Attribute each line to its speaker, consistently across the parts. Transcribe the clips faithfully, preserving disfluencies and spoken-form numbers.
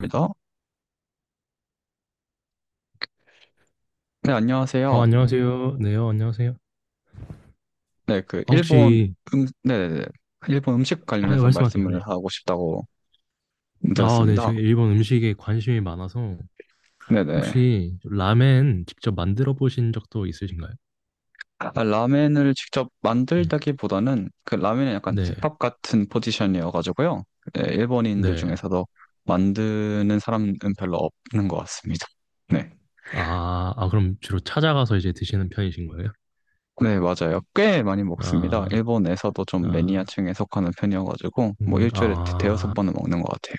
Speaker 1: 입니다. 네,
Speaker 2: 어,
Speaker 1: 안녕하세요.
Speaker 2: 안녕하세요. 네, 요 안녕하세요.
Speaker 1: 네, 그
Speaker 2: 아,
Speaker 1: 일본
Speaker 2: 혹시,
Speaker 1: 음, 네네네. 일본 음식
Speaker 2: 아, 네,
Speaker 1: 관련해서
Speaker 2: 말씀하세요.
Speaker 1: 말씀을
Speaker 2: 네.
Speaker 1: 하고 싶다고
Speaker 2: 아, 네,
Speaker 1: 들었습니다.
Speaker 2: 제가 일본 음식에 관심이 많아서,
Speaker 1: 네네.
Speaker 2: 혹시 라멘 직접 만들어 보신 적도 있으신가요?
Speaker 1: 아, 라멘을 직접
Speaker 2: 네.
Speaker 1: 만들다기보다는 그 라멘은 약간
Speaker 2: 네,
Speaker 1: 국밥 같은 포지션이어가지고요. 네, 일본인들
Speaker 2: 네.
Speaker 1: 중에서도 만드는 사람은 별로 없는 것 같습니다. 네.
Speaker 2: 아, 아, 그럼 주로 찾아가서 이제 드시는 편이신 거예요?
Speaker 1: 네, 맞아요. 꽤 많이 먹습니다.
Speaker 2: 아,
Speaker 1: 일본에서도 좀
Speaker 2: 아,
Speaker 1: 매니아층에 속하는 편이어가지고, 뭐
Speaker 2: 음,
Speaker 1: 일주일에 대-
Speaker 2: 아.
Speaker 1: 대여섯 번은 먹는 것 같아요.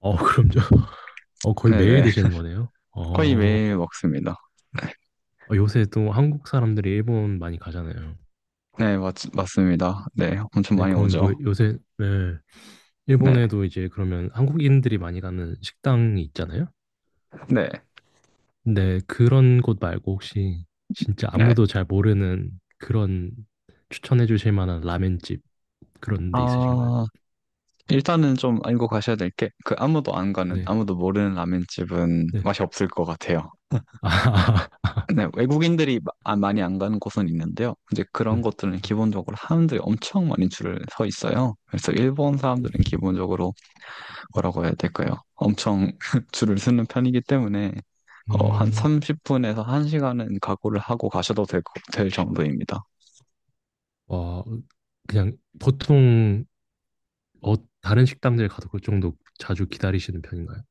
Speaker 2: 어, 그럼 저, 어, 거의 매일
Speaker 1: 네네.
Speaker 2: 드시는 거네요?
Speaker 1: 거의
Speaker 2: 어,
Speaker 1: 매일 먹습니다.
Speaker 2: 어, 요새 또 한국 사람들이 일본 많이 가잖아요.
Speaker 1: 네, 맞, 맞습니다. 네, 엄청
Speaker 2: 네,
Speaker 1: 많이
Speaker 2: 그럼
Speaker 1: 오죠.
Speaker 2: 뭐 요새, 네.
Speaker 1: 네,
Speaker 2: 일본에도 이제 그러면 한국인들이 많이 가는 식당이 있잖아요.
Speaker 1: 네,
Speaker 2: 근데 그런 곳 말고 혹시 진짜
Speaker 1: 네.
Speaker 2: 아무도 잘 모르는 그런 추천해 주실 만한 라멘집 그런 데 있으신가요?
Speaker 1: 아, 일단은 좀 알고 가셔야 될 게, 그 아무도 안 가는,
Speaker 2: 네.
Speaker 1: 아무도 모르는 라면집은
Speaker 2: 네.
Speaker 1: 맛이 없을 것 같아요.
Speaker 2: 아,
Speaker 1: 네, 외국인들이 마- 아, 많이 안 가는 곳은 있는데요. 이제 그런
Speaker 2: 네.
Speaker 1: 것들은 기본적으로 사람들이 엄청 많이 줄을 서 있어요. 그래서 일본 사람들은 기본적으로 뭐라고 해야 될까요? 엄청 줄을 서는 편이기 때문에, 어, 한
Speaker 2: 음,
Speaker 1: 삼십 분에서 한 시간은 각오를 하고 가셔도 될, 거- 될 정도입니다.
Speaker 2: 와, 그냥 보통 어, 다른 식당들 가도 그 정도 자주 기다리시는 편인가요?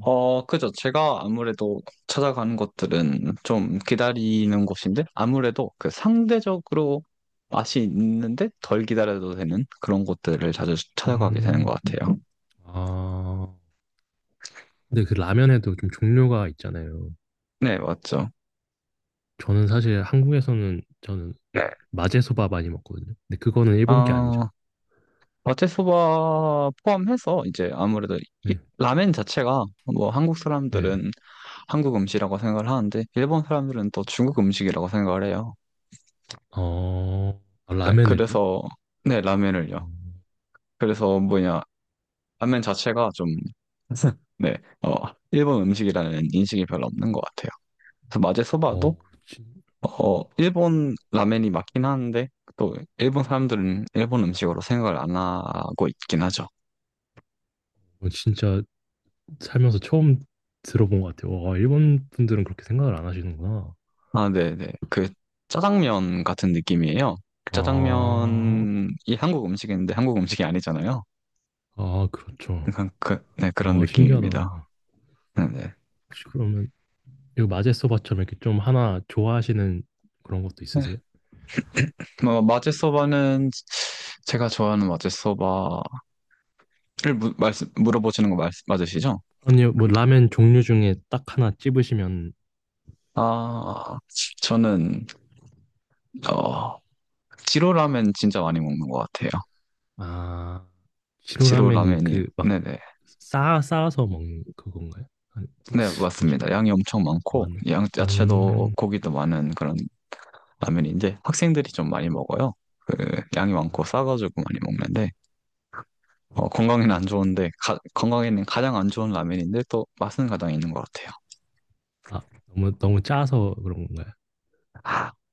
Speaker 1: 어, 그죠. 제가 아무래도 찾아가는 것들은 좀 기다리는 곳인데, 아무래도 그 상대적으로 맛이 있는데 덜 기다려도 되는 그런 곳들을 자주 찾아가게 되는
Speaker 2: 음,
Speaker 1: 것 같아요.
Speaker 2: 아, 근데 그 라면에도 좀 종류가 있잖아요.
Speaker 1: 네, 맞죠.
Speaker 2: 저는 사실 한국에서는 저는
Speaker 1: 네.
Speaker 2: 마제소바 많이 먹거든요. 근데 그거는 일본 게 아니죠.
Speaker 1: 아, 마테소바 포함해서 이제 아무래도 이-
Speaker 2: 네,
Speaker 1: 라멘 자체가 뭐 한국
Speaker 2: 네.
Speaker 1: 사람들은 한국 음식이라고 생각을 하는데, 일본 사람들은 또 중국 음식이라고 생각을 해요.
Speaker 2: 어, 아,
Speaker 1: 네.
Speaker 2: 라멘을요?
Speaker 1: 그래서, 네, 라멘을요.
Speaker 2: 음,
Speaker 1: 그래서 뭐냐, 라면 자체가 좀, 네, 어, 일본 음식이라는 인식이 별로 없는 것 같아요. 그래서 마제 소바도,
Speaker 2: 어, 진,
Speaker 1: 어, 어, 일본 라면이 맞긴 하는데, 또 일본 사람들은 일본 음식으로 생각을 안 하고 있긴 하죠.
Speaker 2: 어, 진짜 살면서 처음 들어본 것 같아요. 와, 일본 분들은 그렇게 생각을 안 하시는구나.
Speaker 1: 아, 네네. 그 짜장면 같은 느낌이에요. 그
Speaker 2: 아,
Speaker 1: 짜장면이 한국 음식인데 한국 음식이 아니잖아요.
Speaker 2: 아, 그렇죠.
Speaker 1: 그러니까 그, 네, 그런
Speaker 2: 아,
Speaker 1: 느낌입니다.
Speaker 2: 신기하다.
Speaker 1: 네네.
Speaker 2: 혹시 그러면 이거 마제소바처럼 이렇게 좀 하나 좋아하시는 그런 것도
Speaker 1: 네. 네,
Speaker 2: 있으세요?
Speaker 1: 뭐, 마제 소바는, 제가 좋아하는 마제 소바를 무- 말씀, 물어보시는 거 말, 맞으시죠?
Speaker 2: 아니요, 뭐 라멘 종류 중에 딱 하나 찝으시면
Speaker 1: 아, 저는, 어, 지로 라멘 진짜 많이 먹는 것 같아요.
Speaker 2: 아,
Speaker 1: 지로
Speaker 2: 시로라면이
Speaker 1: 라멘이,
Speaker 2: 그 막
Speaker 1: 네네.
Speaker 2: 싸, 아서 먹는 그건가요? 아니, 뭐-
Speaker 1: 네,
Speaker 2: 뭐지?
Speaker 1: 맞습니다. 양이 엄청 많고,
Speaker 2: 맞네.
Speaker 1: 양, 야채도
Speaker 2: 음,
Speaker 1: 고기도 많은 그런 라면인데, 학생들이 좀 많이 먹어요. 그, 양이 많고 싸가지고 많이 먹는데, 어, 건강에는 안 좋은데, 가- 건강에는 가장 안 좋은 라면인데, 또 맛은 가장 있는 것 같아요.
Speaker 2: 아, 너무, 너무 짜서 그런 건가요?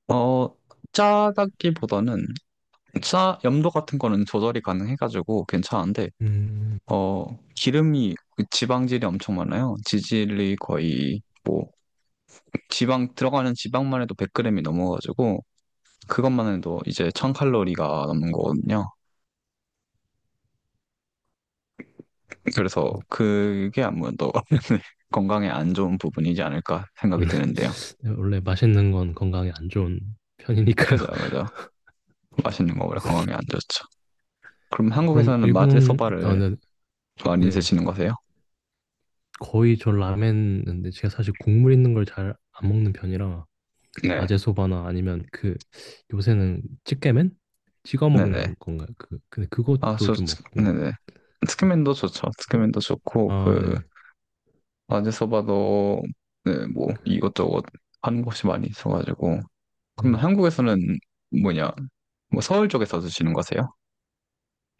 Speaker 1: 어, 짜다기보다는, 짜, 염도 같은 거는 조절이 가능해가지고 괜찮은데,
Speaker 2: 음,
Speaker 1: 어, 기름이 그 지방질이 엄청 많아요. 지질이 거의 뭐 지방 들어가는 지방만 해도 백 그램이 넘어가지고 그것만 해도 이제 천 칼로리가 넘는 거거든요. 그래서 그게 아무래도 건강에 안 좋은 부분이지 않을까 생각이
Speaker 2: 원래,
Speaker 1: 드는데요.
Speaker 2: 원래 맛있는 건 건강에 안 좋은 편이니까요.
Speaker 1: 그죠, 그죠. 맛있는 거 원래 건강에 안 좋죠. 그럼
Speaker 2: 그럼
Speaker 1: 한국에서는
Speaker 2: 일본, 아,
Speaker 1: 마제소바를
Speaker 2: 네,
Speaker 1: 많이
Speaker 2: 네.
Speaker 1: 드시는 거세요?
Speaker 2: 거의 저 라멘인데 제가 사실 국물 있는 걸 잘 안 먹는 편이라
Speaker 1: 네.
Speaker 2: 아제소바나 아니면 그 요새는 찌개면 찍어
Speaker 1: 네네.
Speaker 2: 먹는 건가요? 그 근데
Speaker 1: 아,
Speaker 2: 그것도
Speaker 1: 저,
Speaker 2: 좀 먹고
Speaker 1: 네네. 스키맨도 좋죠.
Speaker 2: 그,
Speaker 1: 스키맨도 좋고,
Speaker 2: 아
Speaker 1: 그,
Speaker 2: 네네
Speaker 1: 어디 서봐도 네, 뭐 이것저것 하는 곳이 많이 있어가지고. 그럼
Speaker 2: 네.
Speaker 1: 한국에서는 뭐냐 뭐 서울 쪽에서 드시는 거세요?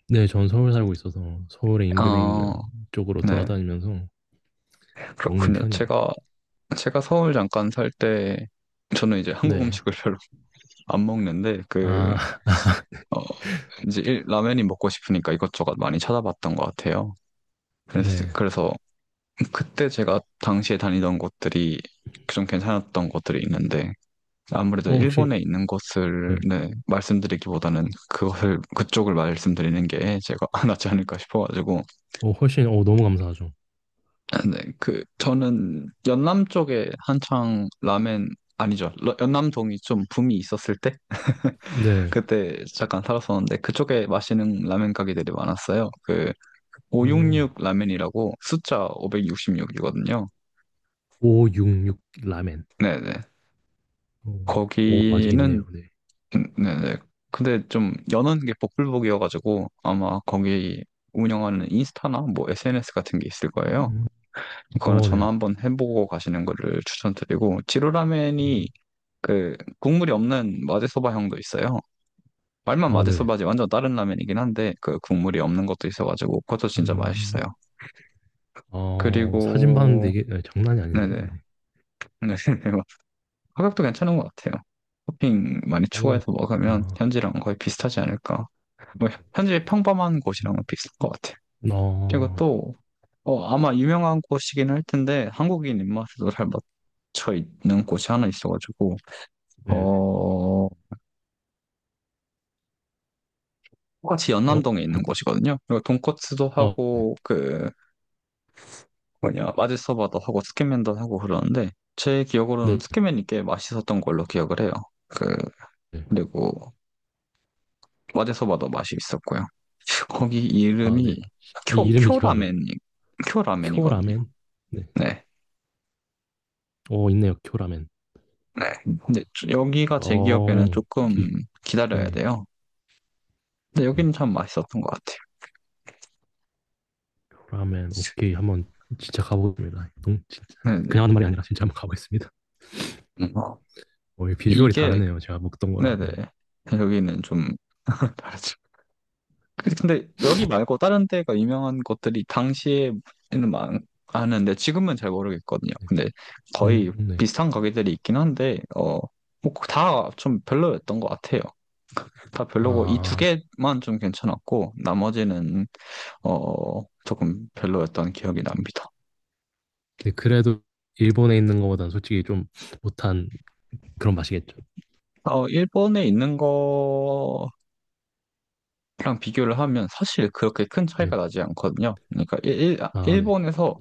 Speaker 2: 네, 전 서울 살고 있어서 서울의 인근에 있는
Speaker 1: 아,
Speaker 2: 쪽으로
Speaker 1: 네,
Speaker 2: 돌아다니면서 먹는
Speaker 1: 그렇군요.
Speaker 2: 편이에요.
Speaker 1: 제가 제가 서울 잠깐 살 때 저는 이제 한국
Speaker 2: 네.
Speaker 1: 음식을 별로 안 먹는데, 그
Speaker 2: 아,
Speaker 1: 어, 이제 일- 라면이 먹고 싶으니까 이것저것 많이 찾아봤던 것 같아요. 그래서
Speaker 2: 네.
Speaker 1: 그래서 그때 제가 당시에 다니던 곳들이 좀 괜찮았던 곳들이 있는데, 아무래도
Speaker 2: 어, 혹시,
Speaker 1: 일본에 있는 곳을,
Speaker 2: 네.
Speaker 1: 네, 말씀드리기보다는 그것을 그쪽을 말씀드리는 게 제가 낫지 않을까 싶어가지고.
Speaker 2: 어, 훨씬, 어, 너무 감사하죠.
Speaker 1: 네, 그 저는 연남 쪽에 한창 라멘, 아니죠, 러- 연남동이 좀 붐이 있었을 때
Speaker 2: 네.
Speaker 1: 그때 잠깐 살았었는데, 그쪽에 마시는 라멘 가게들이 많았어요. 그
Speaker 2: 음,
Speaker 1: 오백육십육 라멘이라고, 숫자 오백육십육이거든요.
Speaker 2: 오육육 라멘.
Speaker 1: 네네.
Speaker 2: 어, 오, 아직
Speaker 1: 거기는
Speaker 2: 있네요. 네.
Speaker 1: 음, 네네. 근데 좀 여는 게 복불복이어가지고 아마 거기 운영하는 인스타나 뭐 에스엔에스 같은 게 있을 거예요.
Speaker 2: 음,
Speaker 1: 그거는
Speaker 2: 어,
Speaker 1: 전화
Speaker 2: 네.
Speaker 1: 한번 해보고 가시는 거를 추천드리고,
Speaker 2: 음,
Speaker 1: 지루라멘이 그 국물이 없는 마제소바형도 있어요. 말만
Speaker 2: 어, 네.
Speaker 1: 마제소바지 완전 다른 라면이긴 한데, 그 국물이 없는 것도 있어가지고 그것도 진짜
Speaker 2: 음,
Speaker 1: 맛있어요.
Speaker 2: 어, 사진 봤는데
Speaker 1: 그리고
Speaker 2: 이게 네, 장난이 아닌데요.
Speaker 1: 네네.
Speaker 2: 네.
Speaker 1: 네, 네. 가격도 괜찮은 것 같아요. 토핑 많이
Speaker 2: 오,
Speaker 1: 추가해서 먹으면
Speaker 2: 좋다.
Speaker 1: 현지랑 거의 비슷하지 않을까. 뭐 현재 평범한 곳이랑은 비슷한 것 같아요. 그리고
Speaker 2: 어,
Speaker 1: 또 어, 아마 유명한 곳이긴 할 텐데 한국인 입맛에도 잘 맞춰 있는 곳이 하나 있어가지고.
Speaker 2: 네네.
Speaker 1: 어, 똑같이
Speaker 2: 어,
Speaker 1: 연남동에 있는
Speaker 2: 어디,
Speaker 1: 곳이거든요. 그리고 돈코츠도
Speaker 2: 어,
Speaker 1: 하고, 그 뭐냐 마지서바도 하고, 스키맨도 하고 그러는데, 제 기억으로는
Speaker 2: 네.
Speaker 1: 스키맨이 꽤 맛있었던 걸로 기억을 해요. 그
Speaker 2: 네.
Speaker 1: 그리고 마지서바도 맛이 있었고요. 거기
Speaker 2: 아, 네.
Speaker 1: 이름이
Speaker 2: 아,
Speaker 1: 쿄
Speaker 2: 이름이 기억 안 나.
Speaker 1: 쿄라멘 쿄라멘이거든요.
Speaker 2: 쿄라멘? 네.
Speaker 1: 네.
Speaker 2: 어, 있네요. 쿄라멘.
Speaker 1: 네. 근데 저- 여기가 제 기억에는
Speaker 2: 어, 비,
Speaker 1: 조금 기다려야
Speaker 2: 네.
Speaker 1: 돼요. 근데
Speaker 2: 음,
Speaker 1: 여기는 참 맛있었던 것 같아요.
Speaker 2: 쿄라멘. 오케이. 한번 진짜 가보겠습니다. 동, 진짜.
Speaker 1: 네네.
Speaker 2: 그냥 하는 말이 아니라 진짜 한번 가보겠습니다.
Speaker 1: 음. 어,
Speaker 2: 어, 이 비주얼이
Speaker 1: 이게,
Speaker 2: 다르네요. 제가 먹던 거랑,
Speaker 1: 네네.
Speaker 2: 네.
Speaker 1: 여기는 좀 다르죠. 근데 근데 여기 말고 다른 데가 유명한 것들이 당시에는 많, 아는데 지금은 잘 모르겠거든요.
Speaker 2: 네.
Speaker 1: 근데 거의
Speaker 2: 음, 네.
Speaker 1: 비슷한 가게들이 있긴 한데, 어, 뭐 다좀 별로였던 것 같아요. 다 별로고 이 두
Speaker 2: 아,
Speaker 1: 개만 좀 괜찮았고, 나머지는 어 조금 별로였던 기억이 납니다.
Speaker 2: 네. 그래도 일본에 있는 것보다는 솔직히 좀 못한 그런 맛이겠죠.
Speaker 1: 어, 일본에 있는 거랑 비교를 하면 사실 그렇게 큰
Speaker 2: 네.
Speaker 1: 차이가 나지 않거든요. 그러니까 일, 일- 아,
Speaker 2: 아, 네.
Speaker 1: 일본에서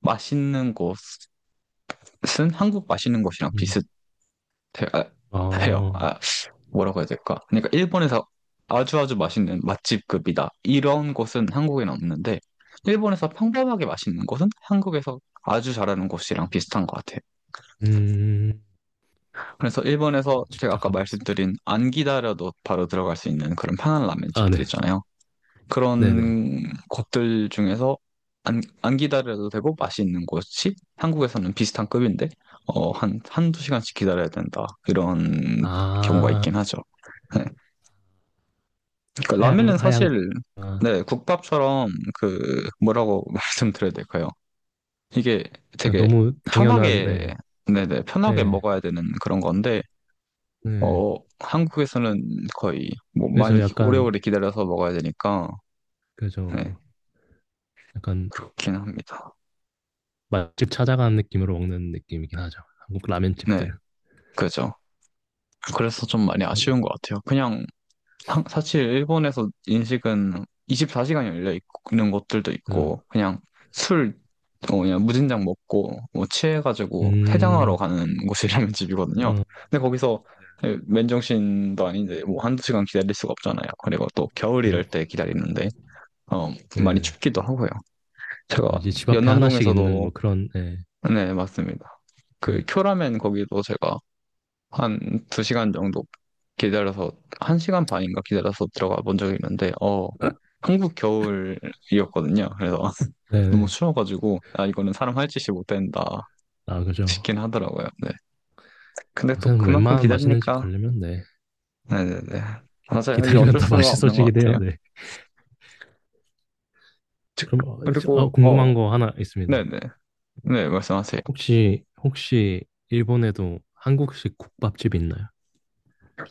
Speaker 1: 맛있는 곳은 한국 맛있는 곳이랑
Speaker 2: 음,
Speaker 1: 비슷해요.
Speaker 2: 아.
Speaker 1: 아, 뭐라고 해야 될까? 그러니까 일본에서 아주 아주 맛있는 맛집급이다, 이런 곳은 한국에는 없는데, 일본에서 평범하게 맛있는 곳은 한국에서 아주 잘하는 곳이랑 비슷한 것 같아요.
Speaker 2: 음,
Speaker 1: 그래서 일본에서
Speaker 2: 한번
Speaker 1: 제가
Speaker 2: 직접
Speaker 1: 아까
Speaker 2: 가보겠습니다.
Speaker 1: 말씀드린, 안 기다려도 바로 들어갈 수 있는 그런 편한 라멘
Speaker 2: 아,
Speaker 1: 집들
Speaker 2: 네.
Speaker 1: 있잖아요.
Speaker 2: 네네.
Speaker 1: 그런 곳들 중에서 안, 안 기다려도 되고 맛이 있는 곳이 한국에서는 비슷한 급인데, 어, 한, 한두 시간씩 기다려야 된다, 이런 경우가
Speaker 2: 아,
Speaker 1: 있긴 하죠. 네. 그러니까
Speaker 2: 하향,
Speaker 1: 라면은
Speaker 2: 하향.
Speaker 1: 사실,
Speaker 2: 아,
Speaker 1: 네, 국밥처럼 그, 뭐라고 말씀드려야 될까요? 이게
Speaker 2: 그냥
Speaker 1: 되게
Speaker 2: 너무 당연한,
Speaker 1: 편하게,
Speaker 2: 네.
Speaker 1: 네네, 편하게
Speaker 2: 네.
Speaker 1: 먹어야 되는 그런 건데
Speaker 2: 네.
Speaker 1: 어, 한국에서는 거의 뭐 많이
Speaker 2: 그래서
Speaker 1: 기-
Speaker 2: 약간,
Speaker 1: 오래오래 기다려서 먹어야 되니까,
Speaker 2: 그죠.
Speaker 1: 네,
Speaker 2: 그죠. 약간
Speaker 1: 그렇긴 합니다.
Speaker 2: 맛집 찾아가는 느낌으로 먹는 느낌이긴 하죠. 한국
Speaker 1: 네.
Speaker 2: 라면집들은.
Speaker 1: 그죠. 그래서 좀 많이
Speaker 2: 맞아요.
Speaker 1: 아쉬운 것 같아요. 그냥, 한- 사실 일본에서 인식은 이십사 시간 열려 있는 곳들도
Speaker 2: 그죠.
Speaker 1: 있고, 그냥 술 어, 그냥 무진장 먹고 뭐 취해가지고 해장하러
Speaker 2: 음,
Speaker 1: 가는 곳이 라면 집이거든요.
Speaker 2: 어,
Speaker 1: 근데 거기서, 예, 맨정신도 아닌데 뭐 한두 시간 기다릴 수가 없잖아요. 그리고 또 겨울
Speaker 2: 그죠.
Speaker 1: 이럴 때 기다리는데 어, 많이
Speaker 2: 네네.
Speaker 1: 춥기도 하고요. 제가
Speaker 2: 어, 이제 집 앞에 하나씩 있는
Speaker 1: 연남동에서도,
Speaker 2: 뭐 그런, 네.
Speaker 1: 네, 맞습니다.
Speaker 2: 네.
Speaker 1: 그 쿄라멘 거기도 제가 한 두 시간 정도 기다려서, 한 시간 반인가 기다려서 들어가 본 적이 있는데, 어, 한국 겨울이었거든요. 그래서 너무
Speaker 2: 네네.
Speaker 1: 추워가지고, 아, 이거는 사람 할 짓이 못 된다
Speaker 2: 아, 그죠.
Speaker 1: 싶긴 하더라고요. 네. 근데 또
Speaker 2: 요새는
Speaker 1: 그만큼
Speaker 2: 웬만한 맛있는 집
Speaker 1: 기다리니까.
Speaker 2: 가려면, 네.
Speaker 1: 네네네.
Speaker 2: 기-
Speaker 1: 맞아요. 이게
Speaker 2: 기다리면
Speaker 1: 어쩔
Speaker 2: 다
Speaker 1: 수가 없는 것
Speaker 2: 맛있어지긴 해요.
Speaker 1: 같아요.
Speaker 2: 네.
Speaker 1: 즉,
Speaker 2: 그럼 어, 저- 어,
Speaker 1: 그리고, 어,
Speaker 2: 궁금한 거 하나 있습니다.
Speaker 1: 네네. 네, 네, 말씀하세요.
Speaker 2: 혹시 혹시 일본에도 한국식 국밥집 있나요?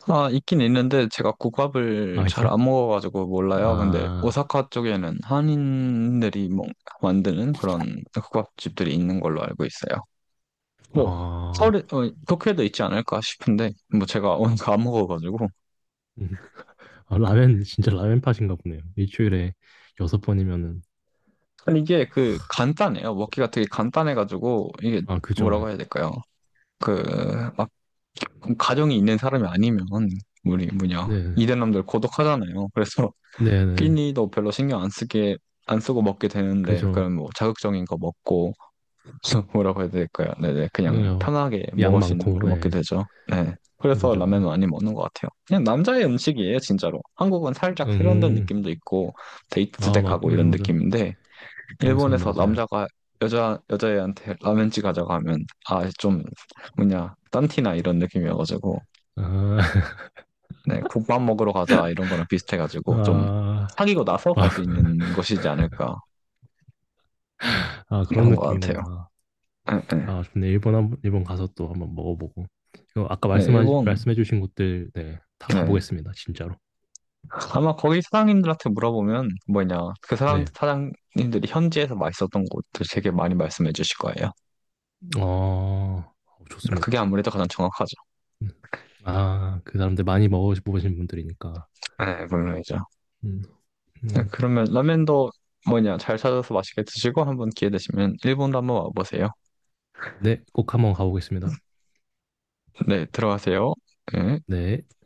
Speaker 1: 아, 있긴 있는데 제가 국밥을
Speaker 2: 아
Speaker 1: 잘
Speaker 2: 있어요?
Speaker 1: 안 먹어가지고 몰라요. 근데
Speaker 2: 아,
Speaker 1: 오사카 쪽에는 한인들이 뭐 만드는 그런 국밥집들이 있는 걸로 알고 있어요. 뭐
Speaker 2: 아,
Speaker 1: 서울에, 어, 도쿄에도 있지 않을까 싶은데, 뭐 제가 오늘 안 먹어가지고.
Speaker 2: 음. 아, 라멘 진짜 라멘 팟인가 보네요. 일주일에 여섯 번이면은
Speaker 1: 아니, 이게 그 간단해요. 먹기가 되게 간단해가지고, 이게
Speaker 2: 아 그죠?
Speaker 1: 뭐라고 해야 될까요? 그 막 가정이 있는 사람이 아니면, 우리 뭐냐
Speaker 2: 네,
Speaker 1: 이대남들 고독하잖아요. 그래서
Speaker 2: 네, 네,
Speaker 1: 끼니도 별로 신경 안 쓰게, 안 쓰고 먹게 되는데,
Speaker 2: 그죠?
Speaker 1: 그럼 뭐 자극적인 거 먹고, 뭐라고 해야 될까요? 네네, 그냥
Speaker 2: 어,
Speaker 1: 편하게
Speaker 2: 양
Speaker 1: 먹을 수 있는
Speaker 2: 많고
Speaker 1: 거를 먹게
Speaker 2: 네,
Speaker 1: 되죠. 네,
Speaker 2: 네,
Speaker 1: 그래서
Speaker 2: 그죠?
Speaker 1: 라면은 많이 먹는 것 같아요. 그냥 남자의 음식이에요, 진짜로. 한국은 살짝 세련된
Speaker 2: 음,
Speaker 1: 느낌도 있고 데이트
Speaker 2: 아
Speaker 1: 때
Speaker 2: 맞,
Speaker 1: 가고 이런
Speaker 2: 그죠, 그죠.
Speaker 1: 느낌인데,
Speaker 2: 여기서는
Speaker 1: 일본에서
Speaker 2: 맞아요.
Speaker 1: 남자가 여자 여자애한테 라면집 가자고 하면, 아 좀 뭐냐, 딴티나 이런 느낌이어가지고,
Speaker 2: 아,
Speaker 1: 네, 국밥 먹으러 가자 이런 거랑 비슷해가지고, 좀
Speaker 2: 아,
Speaker 1: 사귀고 나서 갈
Speaker 2: 국밥.
Speaker 1: 수 있는 것이지 않을까,
Speaker 2: 아 그런
Speaker 1: 그런 것 같아요.
Speaker 2: 느낌이구나.
Speaker 1: 예, 예.
Speaker 2: 아, 좋네. 일본 한, 번- 일본 가서 또 한번 먹어보고. 이거 아까 말
Speaker 1: 네,
Speaker 2: 씀
Speaker 1: 일본,
Speaker 2: 말씀해주신 곳들, 네, 다
Speaker 1: 네.
Speaker 2: 가보겠습니다. 진짜로.
Speaker 1: 아마 거기 사장님들한테 물어보면, 뭐냐, 그 사람,
Speaker 2: 네.
Speaker 1: 사장님들이 현지에서 맛있었던 곳들 되게 많이 말씀해 주실 거예요.
Speaker 2: 어, 좋습니다.
Speaker 1: 그게 아무래도 가장 정확하죠.
Speaker 2: 음. 아, 그 사람들 많이 먹어보신 분들이니까.
Speaker 1: 네, 물론이죠.
Speaker 2: 음,
Speaker 1: 네,
Speaker 2: 음.
Speaker 1: 그러면 라면도 뭐냐, 잘 찾아서 맛있게 드시고, 한번 기회 되시면 일본도 한번 와보세요.
Speaker 2: 네, 꼭 한번 가보겠습니다.
Speaker 1: 네, 들어가세요. 네.
Speaker 2: 네.